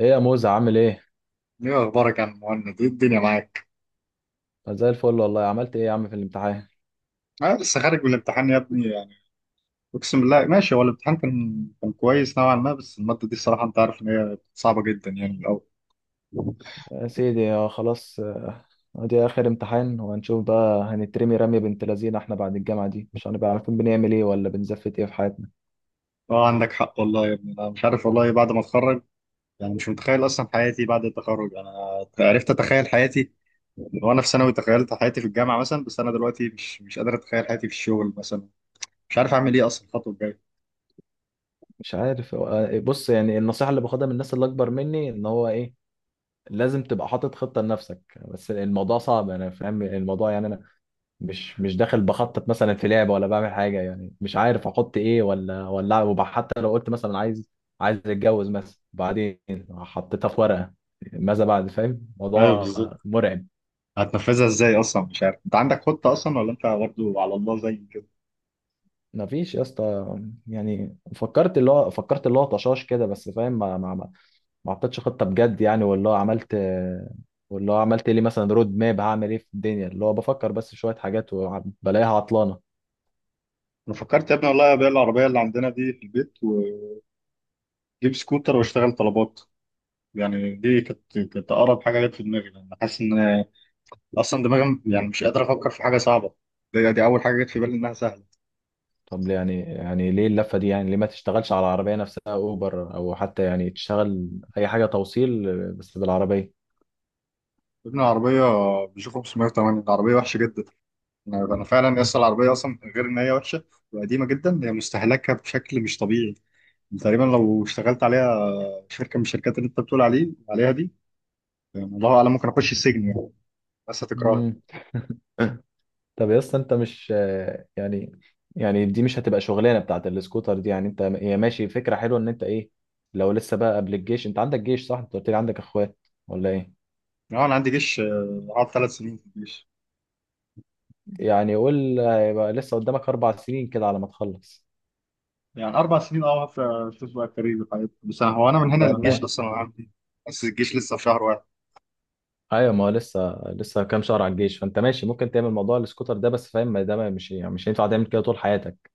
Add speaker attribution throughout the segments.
Speaker 1: ايه يا موزة عامل ايه؟
Speaker 2: ايه اخبارك يا عم مهند؟ ايه الدنيا معاك؟
Speaker 1: زي الفل والله، عملت ايه يا عم في الامتحان؟
Speaker 2: انا لسه خارج من الامتحان يا ابني يعني. اقسم بالله ماشي، هو الامتحان كان كويس نوعا ما، بس الماده دي الصراحه انت عارف ان هي صعبه جدا يعني من الاول.
Speaker 1: يا سيدي آه، خلاص آه، ادي اخر امتحان وهنشوف بقى. هنترمي رمية بنت لذينه، احنا بعد الجامعة دي مش هنبقى عارفين بنعمل ايه ولا بنزفت ايه في حياتنا.
Speaker 2: اه عندك حق والله يا ابني، انا مش عارف والله بعد ما اتخرج. يعني مش متخيل اصلا حياتي بعد التخرج. انا عرفت اتخيل حياتي وانا في ثانوي، تخيلت حياتي في الجامعه مثلا، بس انا دلوقتي مش قادر اتخيل حياتي في الشغل مثلا. مش عارف اعمل ايه اصلا الخطوه الجايه.
Speaker 1: مش عارف آه، بص يعني النصيحة اللي باخدها من الناس اللي اكبر مني ان هو ايه، لازم تبقى حاطط خطة لنفسك. بس الموضوع صعب، انا فاهم الموضوع يعني انا مش داخل بخطط مثلا في لعبه ولا بعمل حاجه، يعني مش عارف احط ايه حتى لو قلت مثلا عايز عايز اتجوز مثلا بعدين، حطيتها في ورقه. ماذا بعد؟ فاهم
Speaker 2: ايوه
Speaker 1: موضوع
Speaker 2: بالظبط.
Speaker 1: مرعب.
Speaker 2: هتنفذها ازاي اصلا؟ مش عارف، انت عندك خطه اصلا ولا انت برضه على الله زي
Speaker 1: ما فيش يا اسطى، يعني فكرت اللي هو طشاش كده بس، فاهم؟ ما حطيتش خطه بجد، يعني واللي هو عملت لي مثلا رود ماب هعمل ايه في الدنيا، اللي هو بفكر بس شويه حاجات وبلاقيها عطلانه.
Speaker 2: انا؟ فكرت يا ابني والله ابيع العربيه اللي عندنا دي في البيت واجيب سكوتر واشتغل طلبات. يعني دي كانت اقرب حاجه جت في دماغي لان حاسس ان اصلا دماغي، يعني مش قادر افكر في حاجه صعبه. دي اول حاجه جت في بالي انها سهله.
Speaker 1: طب يعني ليه اللفة دي؟ يعني ليه ما تشتغلش على العربية نفسها اوبر، او حتى يعني تشتغل اي حاجة توصيل بس بالعربية؟
Speaker 2: ابن العربيه بيشوف. 508 العربيه وحشه جدا. انا فعلا اصلا العربيه، اصلا غير ان هي وحشه وقديمه جدا، هي مستهلكه بشكل مش طبيعي. يعني تقريبا لو اشتغلت عليها شركه من الشركات اللي انت بتقول عليها دي، يعني الله اعلم ممكن اخش السجن يعني. بس هتكرهني.
Speaker 1: مم. طب يا اسطى انت مش يعني، يعني دي مش هتبقى شغلانة بتاعت السكوتر دي يعني، انت هي ماشي فكرة حلوة ان انت ايه، لو لسه بقى قبل الجيش. انت عندك جيش صح؟ انت قلت لي عندك اخوات ولا ايه؟
Speaker 2: اه انا عندي جيش. قعدت ثلاث سنين في الجيش.
Speaker 1: يعني قول هيبقى لسه قدامك اربع سنين كده على ما تخلص.
Speaker 2: يعني اربع سنين، اه، في شوف بقى الكارير والحاجات دي. هو انا من هنا
Speaker 1: طب
Speaker 2: للجيش،
Speaker 1: ما
Speaker 2: بس انا عندي، بس الجيش لسه في شهر واحد.
Speaker 1: ايوه، ما هو لسه، لسه كام شهر على الجيش، فانت ماشي ممكن تعمل موضوع السكوتر ده، بس فاهم ما ده مش يعني مش هينفع تعمل كده طول حياتك.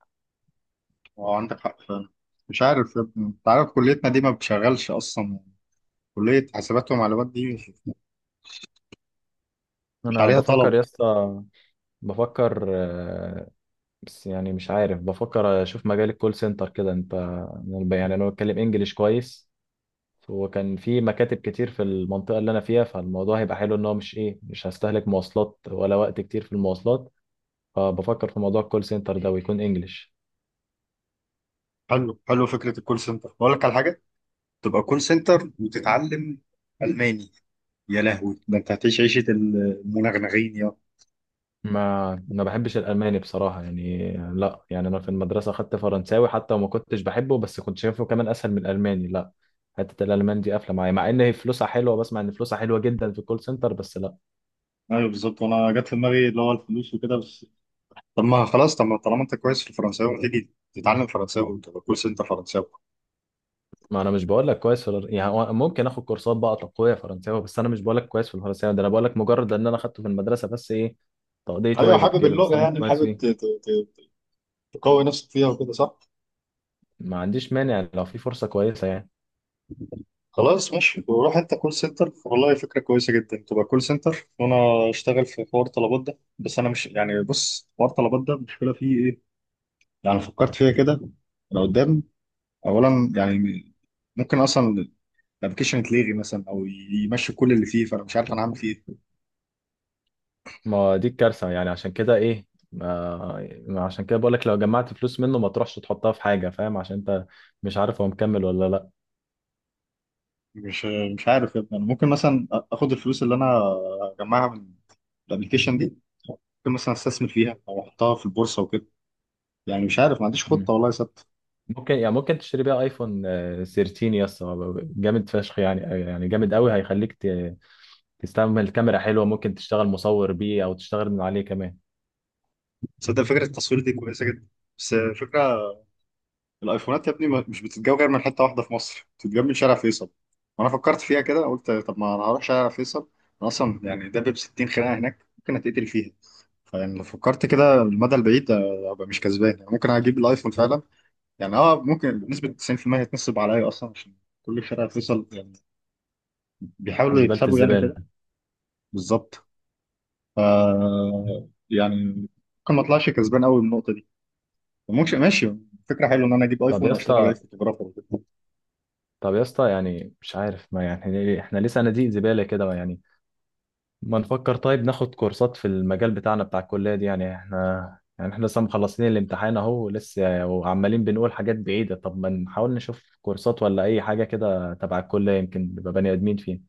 Speaker 2: هو عندك حق فعلا. مش عارف يا ابني، انت عارف كليتنا دي ما بتشغلش اصلا. كليه حاسبات ومعلومات دي مش
Speaker 1: انا
Speaker 2: عليها
Speaker 1: بفكر
Speaker 2: طلب.
Speaker 1: يا اسطى، بفكر آه، بس يعني مش عارف، بفكر اشوف مجال الكول سنتر كده. انت يعني انا بتكلم انجليش كويس، وكان في مكاتب كتير في المنطقه اللي انا فيها، فالموضوع هيبقى حلو ان هو مش ايه، مش هستهلك مواصلات ولا وقت كتير في المواصلات. فبفكر في موضوع الكول سنتر ده، ويكون انجليش.
Speaker 2: حلو حلو، فكره الكول سنتر. بقول لك على حاجه، تبقى كول سنتر وتتعلم الماني، يا لهوي ده انت هتعيش عيشه المنغنغين يا.
Speaker 1: ما بحبش الالماني بصراحه يعني، لا يعني انا في المدرسه خدت فرنساوي حتى، وما كنتش بحبه بس كنت شايفه كمان اسهل من الالماني. لا، حته الالمان دي قافله معايا، مع ان هي فلوسها حلوه، بسمع ان فلوسها حلوه جدا في الكول سنتر، بس لا.
Speaker 2: ايوه بالظبط، وانا جت في دماغي اللي هو الفلوس وكده بس. طب ما خلاص، طب ما طالما انت كويس في الفرنساوي تيجي تتعلم فرنساوي وتبقى كول سنتر فرنساوي.
Speaker 1: ما انا مش بقول لك كويس في يعني هو ممكن اخد كورسات بقى تقويه فرنساوي، بس انا مش بقول لك كويس في الفرنساوي ده، انا بقول لك مجرد ان انا اخدته في المدرسه بس، ايه تقضيه
Speaker 2: ايوه
Speaker 1: واجب
Speaker 2: حابب
Speaker 1: كده، بس
Speaker 2: اللغه،
Speaker 1: انا مش
Speaker 2: يعني
Speaker 1: كويس
Speaker 2: حابب
Speaker 1: فيه.
Speaker 2: تقوي نفسك فيها وكده صح؟
Speaker 1: ما عنديش مانع لو في فرصه كويسه يعني.
Speaker 2: خلاص ماشي وروح انت كول سنتر والله، فكره كويسه جدا تبقى كول سنتر وانا اشتغل في حوار طلبات ده. بس انا مش يعني، بص، حوار طلبات ده المشكله فيه ايه، يعني فكرت فيها كده انا قدام. اولا يعني ممكن اصلا الابلكيشن يتلغي مثلا، او يمشي كل اللي فيه، فانا مش عارف انا هعمل فيه ايه.
Speaker 1: ما دي الكارثة يعني، عشان كده ايه، ما عشان كده بقولك لو جمعت فلوس منه ما تروحش تحطها في حاجة، فاهم؟ عشان انت مش عارف هو مكمل ولا لا.
Speaker 2: مش مش عارف يا ابني، انا ممكن مثلا اخد الفلوس اللي انا اجمعها من الابلكيشن دي، ممكن مثلا استثمر فيها او احطها في البورصه وكده. يعني مش عارف، ما عنديش
Speaker 1: مم.
Speaker 2: خطه والله ثابته.
Speaker 1: ممكن يعني ممكن تشتري بيها ايفون آه، 13 يا اسطى، جامد فشخ يعني، يعني جامد قوي، هيخليك تستعمل كاميرا حلوة، ممكن تشتغل مصور بيه او تشتغل من عليه كمان.
Speaker 2: تصدق فكره التصوير دي كويسه جدا. بس فكره الايفونات يا ابني مش بتتجاب غير من حته واحده في مصر، بتتجاب من شارع فيصل. وانا فكرت فيها كده قلت طب ما انا هروح شارع فيصل. انا اصلا يعني ده ب 60 خناقه هناك، ممكن اتقتل فيها. فيعني لو فكرت كده المدى البعيد ابقى مش كسبان، يعني ممكن اجيب الايفون فعلا. يعني اه ممكن بنسبة 90% هيتنصب عليا اصلا، عشان كل الفرق هتوصل يعني، بيحاولوا
Speaker 1: زبالة
Speaker 2: يكسبوا يعني
Speaker 1: الزبالة.
Speaker 2: كده. بالظبط. ف يعني ممكن ما اطلعش كسبان قوي من النقطة دي. ممكن ماشي، فكرة حلوة ان انا اجيب
Speaker 1: طب
Speaker 2: ايفون
Speaker 1: يا
Speaker 2: واشتغل عليه
Speaker 1: اسطى،
Speaker 2: فوتوغرافر وكده.
Speaker 1: طب يا اسطى، يعني مش عارف ما يعني احنا ليه، إحنا ليه صناديق زبالة كده يعني؟ ما نفكر طيب، ناخد كورسات في المجال بتاعنا بتاع الكلية دي، يعني احنا، يعني احنا لسه مخلصين الامتحان اهو لسه، وعمالين بنقول حاجات بعيدة. طب ما نحاول نشوف كورسات ولا اي حاجة كده تبع الكلية، يمكن نبقى بني ادمين فين.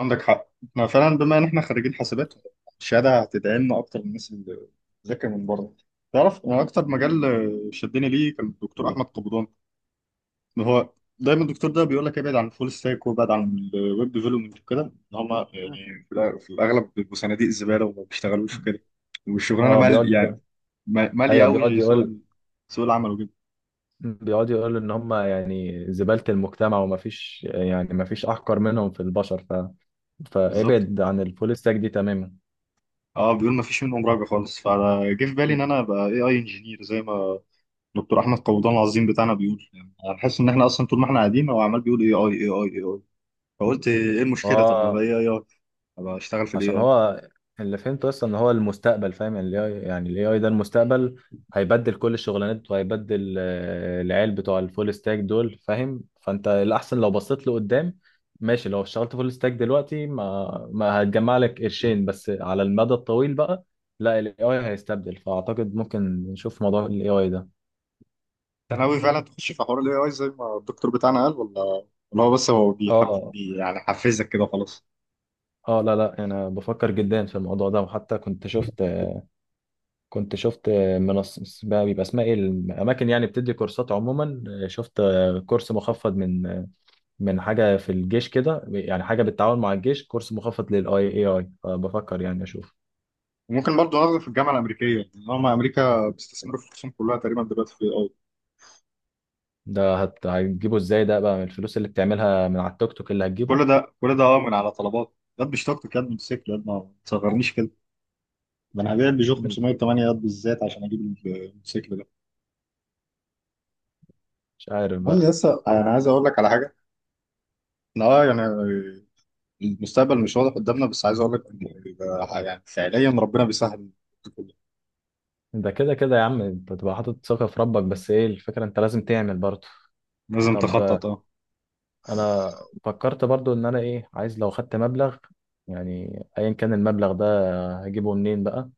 Speaker 2: عندك حق، احنا فعلا بما ان احنا خريجين حاسبات، الشهادة هتدعي لنا اكتر من الناس اللي بتذاكر من بره. تعرف انا اكتر مجال شدني ليه كان الدكتور احمد قبضان. ما هو دايما الدكتور ده بيقول لك ابعد عن الفول ستاك وابعد عن الويب ديفلوبمنت وكده، ان هم يعني في الاغلب بيبقوا صناديق زباله وما بيشتغلوش في كده، والشغلانه
Speaker 1: اه بيقعد
Speaker 2: مال يعني،
Speaker 1: يقول،
Speaker 2: ماليه
Speaker 1: ايوه بيقعد
Speaker 2: قوي سوق
Speaker 1: يقول،
Speaker 2: سوق العمل وكده.
Speaker 1: بيقعد يقول ان هم يعني زبالة المجتمع، وما فيش يعني ما فيش احقر منهم في البشر، ف...
Speaker 2: بالظبط.
Speaker 1: فابعد عن الفول ستاك دي تماما.
Speaker 2: اه بيقول ما فيش منهم راجع خالص. فجه في بالي ان انا ابقى اي اي انجينير زي ما دكتور احمد قبضان العظيم بتاعنا بيقول. يعني هنحس ان احنا اصلا طول ما احنا قاعدين هو عمال بيقول اي اي اي اي اي. فقلت ايه المشكله، طب ما ابقى
Speaker 1: اه،
Speaker 2: اي اي اي، ابقى اشتغل في الاي
Speaker 1: عشان
Speaker 2: اي.
Speaker 1: هو اللي فهمته اصلا ان هو المستقبل، فاهم يعني الاي اي، يعني الاي اي ده المستقبل، هيبدل كل الشغلانات وهيبدل آه، العيال بتوع الفول ستاك دول، فاهم؟ فانت الاحسن لو بصيت لقدام، ماشي لو اشتغلت فول ستاك دلوقتي ما هتجمع لك قرشين، بس على المدى الطويل بقى لا، الاي اي هيستبدل، فاعتقد ممكن نشوف موضوع الاي اي ده.
Speaker 2: انت ناوي فعلا تخش في حوار الاي اي زي ما الدكتور بتاعنا قال، ولا هو بس هو بيحف
Speaker 1: اه،
Speaker 2: بي، يعني حفزك كده خلاص؟
Speaker 1: اه لا لا، انا بفكر جدا في الموضوع ده، وحتى كنت شفت منصة بقى بيبقى اسمها ايه، الاماكن يعني بتدي كورسات عموما، شفت كورس مخفض من من حاجه في الجيش كده، يعني حاجه بالتعاون مع الجيش، كورس مخفض للاي اي اي، فبفكر يعني اشوف.
Speaker 2: وممكن برضه ناخده في الجامعه الامريكيه، لان هم امريكا بيستثمروا في الخصوم كلها تقريبا دلوقتي في الاي اي.
Speaker 1: ده هت... هتجيبه ازاي ده بقى؟ من الفلوس اللي بتعملها من على التوك توك اللي هتجيبه؟
Speaker 2: كل ده اه من على طلبات. ياد بيشتغل كده من موتوسيكل، ياد ما تصغرنيش كده، ده انا هبيع البيجو
Speaker 1: من-
Speaker 2: 508 ياد بالذات عشان اجيب الموتوسيكل ده.
Speaker 1: مش عارف
Speaker 2: المهم،
Speaker 1: بقى.
Speaker 2: لسه انا عايز اقول لك على حاجه، إن اه يعني المستقبل مش واضح قدامنا، بس عايز اقول لك يعني فعليا ربنا بيسهل كله.
Speaker 1: ده كده كده يا عم انت تبقى حاطط ثقه في ربك، بس ايه الفكره، انت لازم تعمل برضه.
Speaker 2: لازم
Speaker 1: طب آه،
Speaker 2: تخطط اه.
Speaker 1: انا فكرت برضه ان انا ايه، عايز لو خدت مبلغ، يعني ايا كان المبلغ ده، هجيبه منين بقى،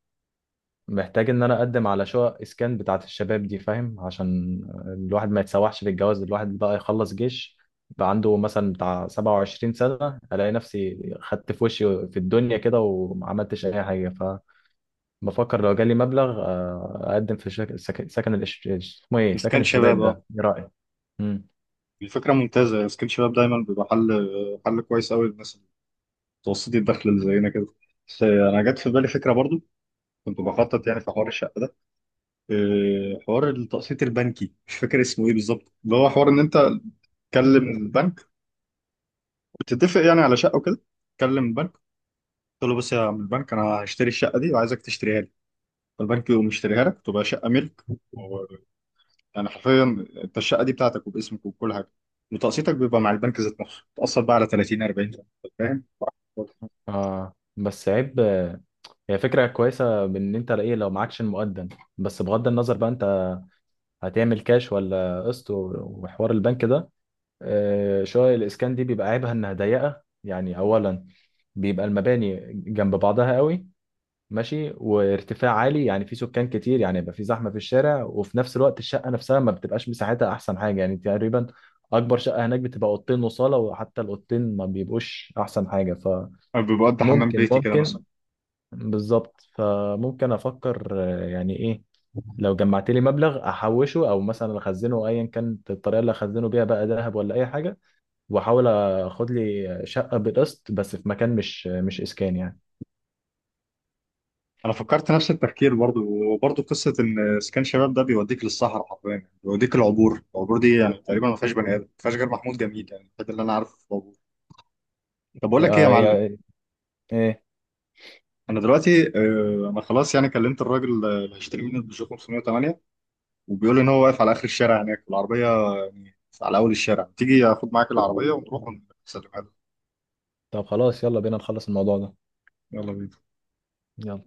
Speaker 1: محتاج ان انا اقدم على شقق اسكان بتاعت الشباب دي، فاهم؟ عشان الواحد ما يتسوحش في الجواز، الواحد بقى يخلص جيش، بقى عنده مثلا بتاع 27 سنة، الاقي نفسي خدت في وشي في الدنيا كده وما عملتش اي حاجة. فبفكر لو جالي مبلغ آه، اقدم في شك... سك... سكن الإش... اسمه ايه،
Speaker 2: بس
Speaker 1: سكن
Speaker 2: كان
Speaker 1: الشباب
Speaker 2: شباب اه،
Speaker 1: ده، ايه رأيك؟ امم،
Speaker 2: الفكرة ممتازة. سكيل شباب دايما بيبقى حل كويس قوي للناس متوسطي الدخل اللي زينا كده. بس أنا جت في بالي فكرة برضو، كنت بخطط يعني في حوار الشقة ده. إيه، حوار التقسيط البنكي، مش فاكر اسمه إيه بالظبط، اللي هو حوار إن أنت تكلم البنك وتتفق يعني على شقة وكده. تكلم البنك تقول له بص يا عم البنك، أنا هشتري الشقة دي وعايزك تشتريها لي، فالبنك يقوم يشتريها لك، تبقى شقة ملك، و- يعني حرفيا أنت الشقة دي بتاعتك وباسمك وكل حاجة، وتقسيطك بيبقى مع البنك ذات نفسه، تقسط بقى على 30 40، فاهم؟
Speaker 1: اه بس عيب آه، هي فكرة كويسة بان انت ايه، لو معكش المقدم، بس بغض النظر بقى انت هتعمل كاش ولا قسط وحوار البنك ده. آه، شقق الإسكان دي بيبقى عيبها إنها ضيقة يعني، أولا بيبقى المباني جنب بعضها قوي، ماشي، وارتفاع عالي يعني في سكان كتير، يعني يبقى في زحمة في الشارع، وفي نفس الوقت الشقة نفسها ما بتبقاش مساحتها أحسن حاجة يعني، تقريبا أكبر شقة هناك بتبقى أوضتين وصالة، وحتى الأوضتين ما بيبقوش أحسن حاجة،
Speaker 2: ببقى حمام
Speaker 1: فممكن
Speaker 2: بيتي كده مثلا.
Speaker 1: ممكن بالظبط. فممكن أفكر آه، يعني إيه، لو جمعت لي مبلغ أحوشه أو مثلا أخزنه، أيا كانت الطريقة اللي أخزنه بيها بقى، ذهب ولا أي حاجة، واحاول اخد لي شقه بقسط، بس في مكان مش، مش اسكان يعني.
Speaker 2: انا فكرت نفس التفكير برضو، وبرضو قصه ان اسكان شباب ده بيوديك للصحراء حرفيا، يعني بيوديك العبور دي يعني تقريبا ما فيهاش بني ادم، ما فيهاش غير محمود جميل يعني الوحيد اللي انا عارفه في العبور. طب بقول لك ايه
Speaker 1: آه،
Speaker 2: يا معلم،
Speaker 1: هي ايه.
Speaker 2: انا دلوقتي انا خلاص، يعني كلمت الراجل اللي هيشتري مني البيجو 508 وبيقول ان هو واقف على اخر الشارع هناك، والعربيه يعني على اول الشارع، تيجي اخد معاك العربيه ونروح ونسلمها له.
Speaker 1: طب خلاص يلا بينا نخلص الموضوع ده.
Speaker 2: يلا بينا.
Speaker 1: يلا.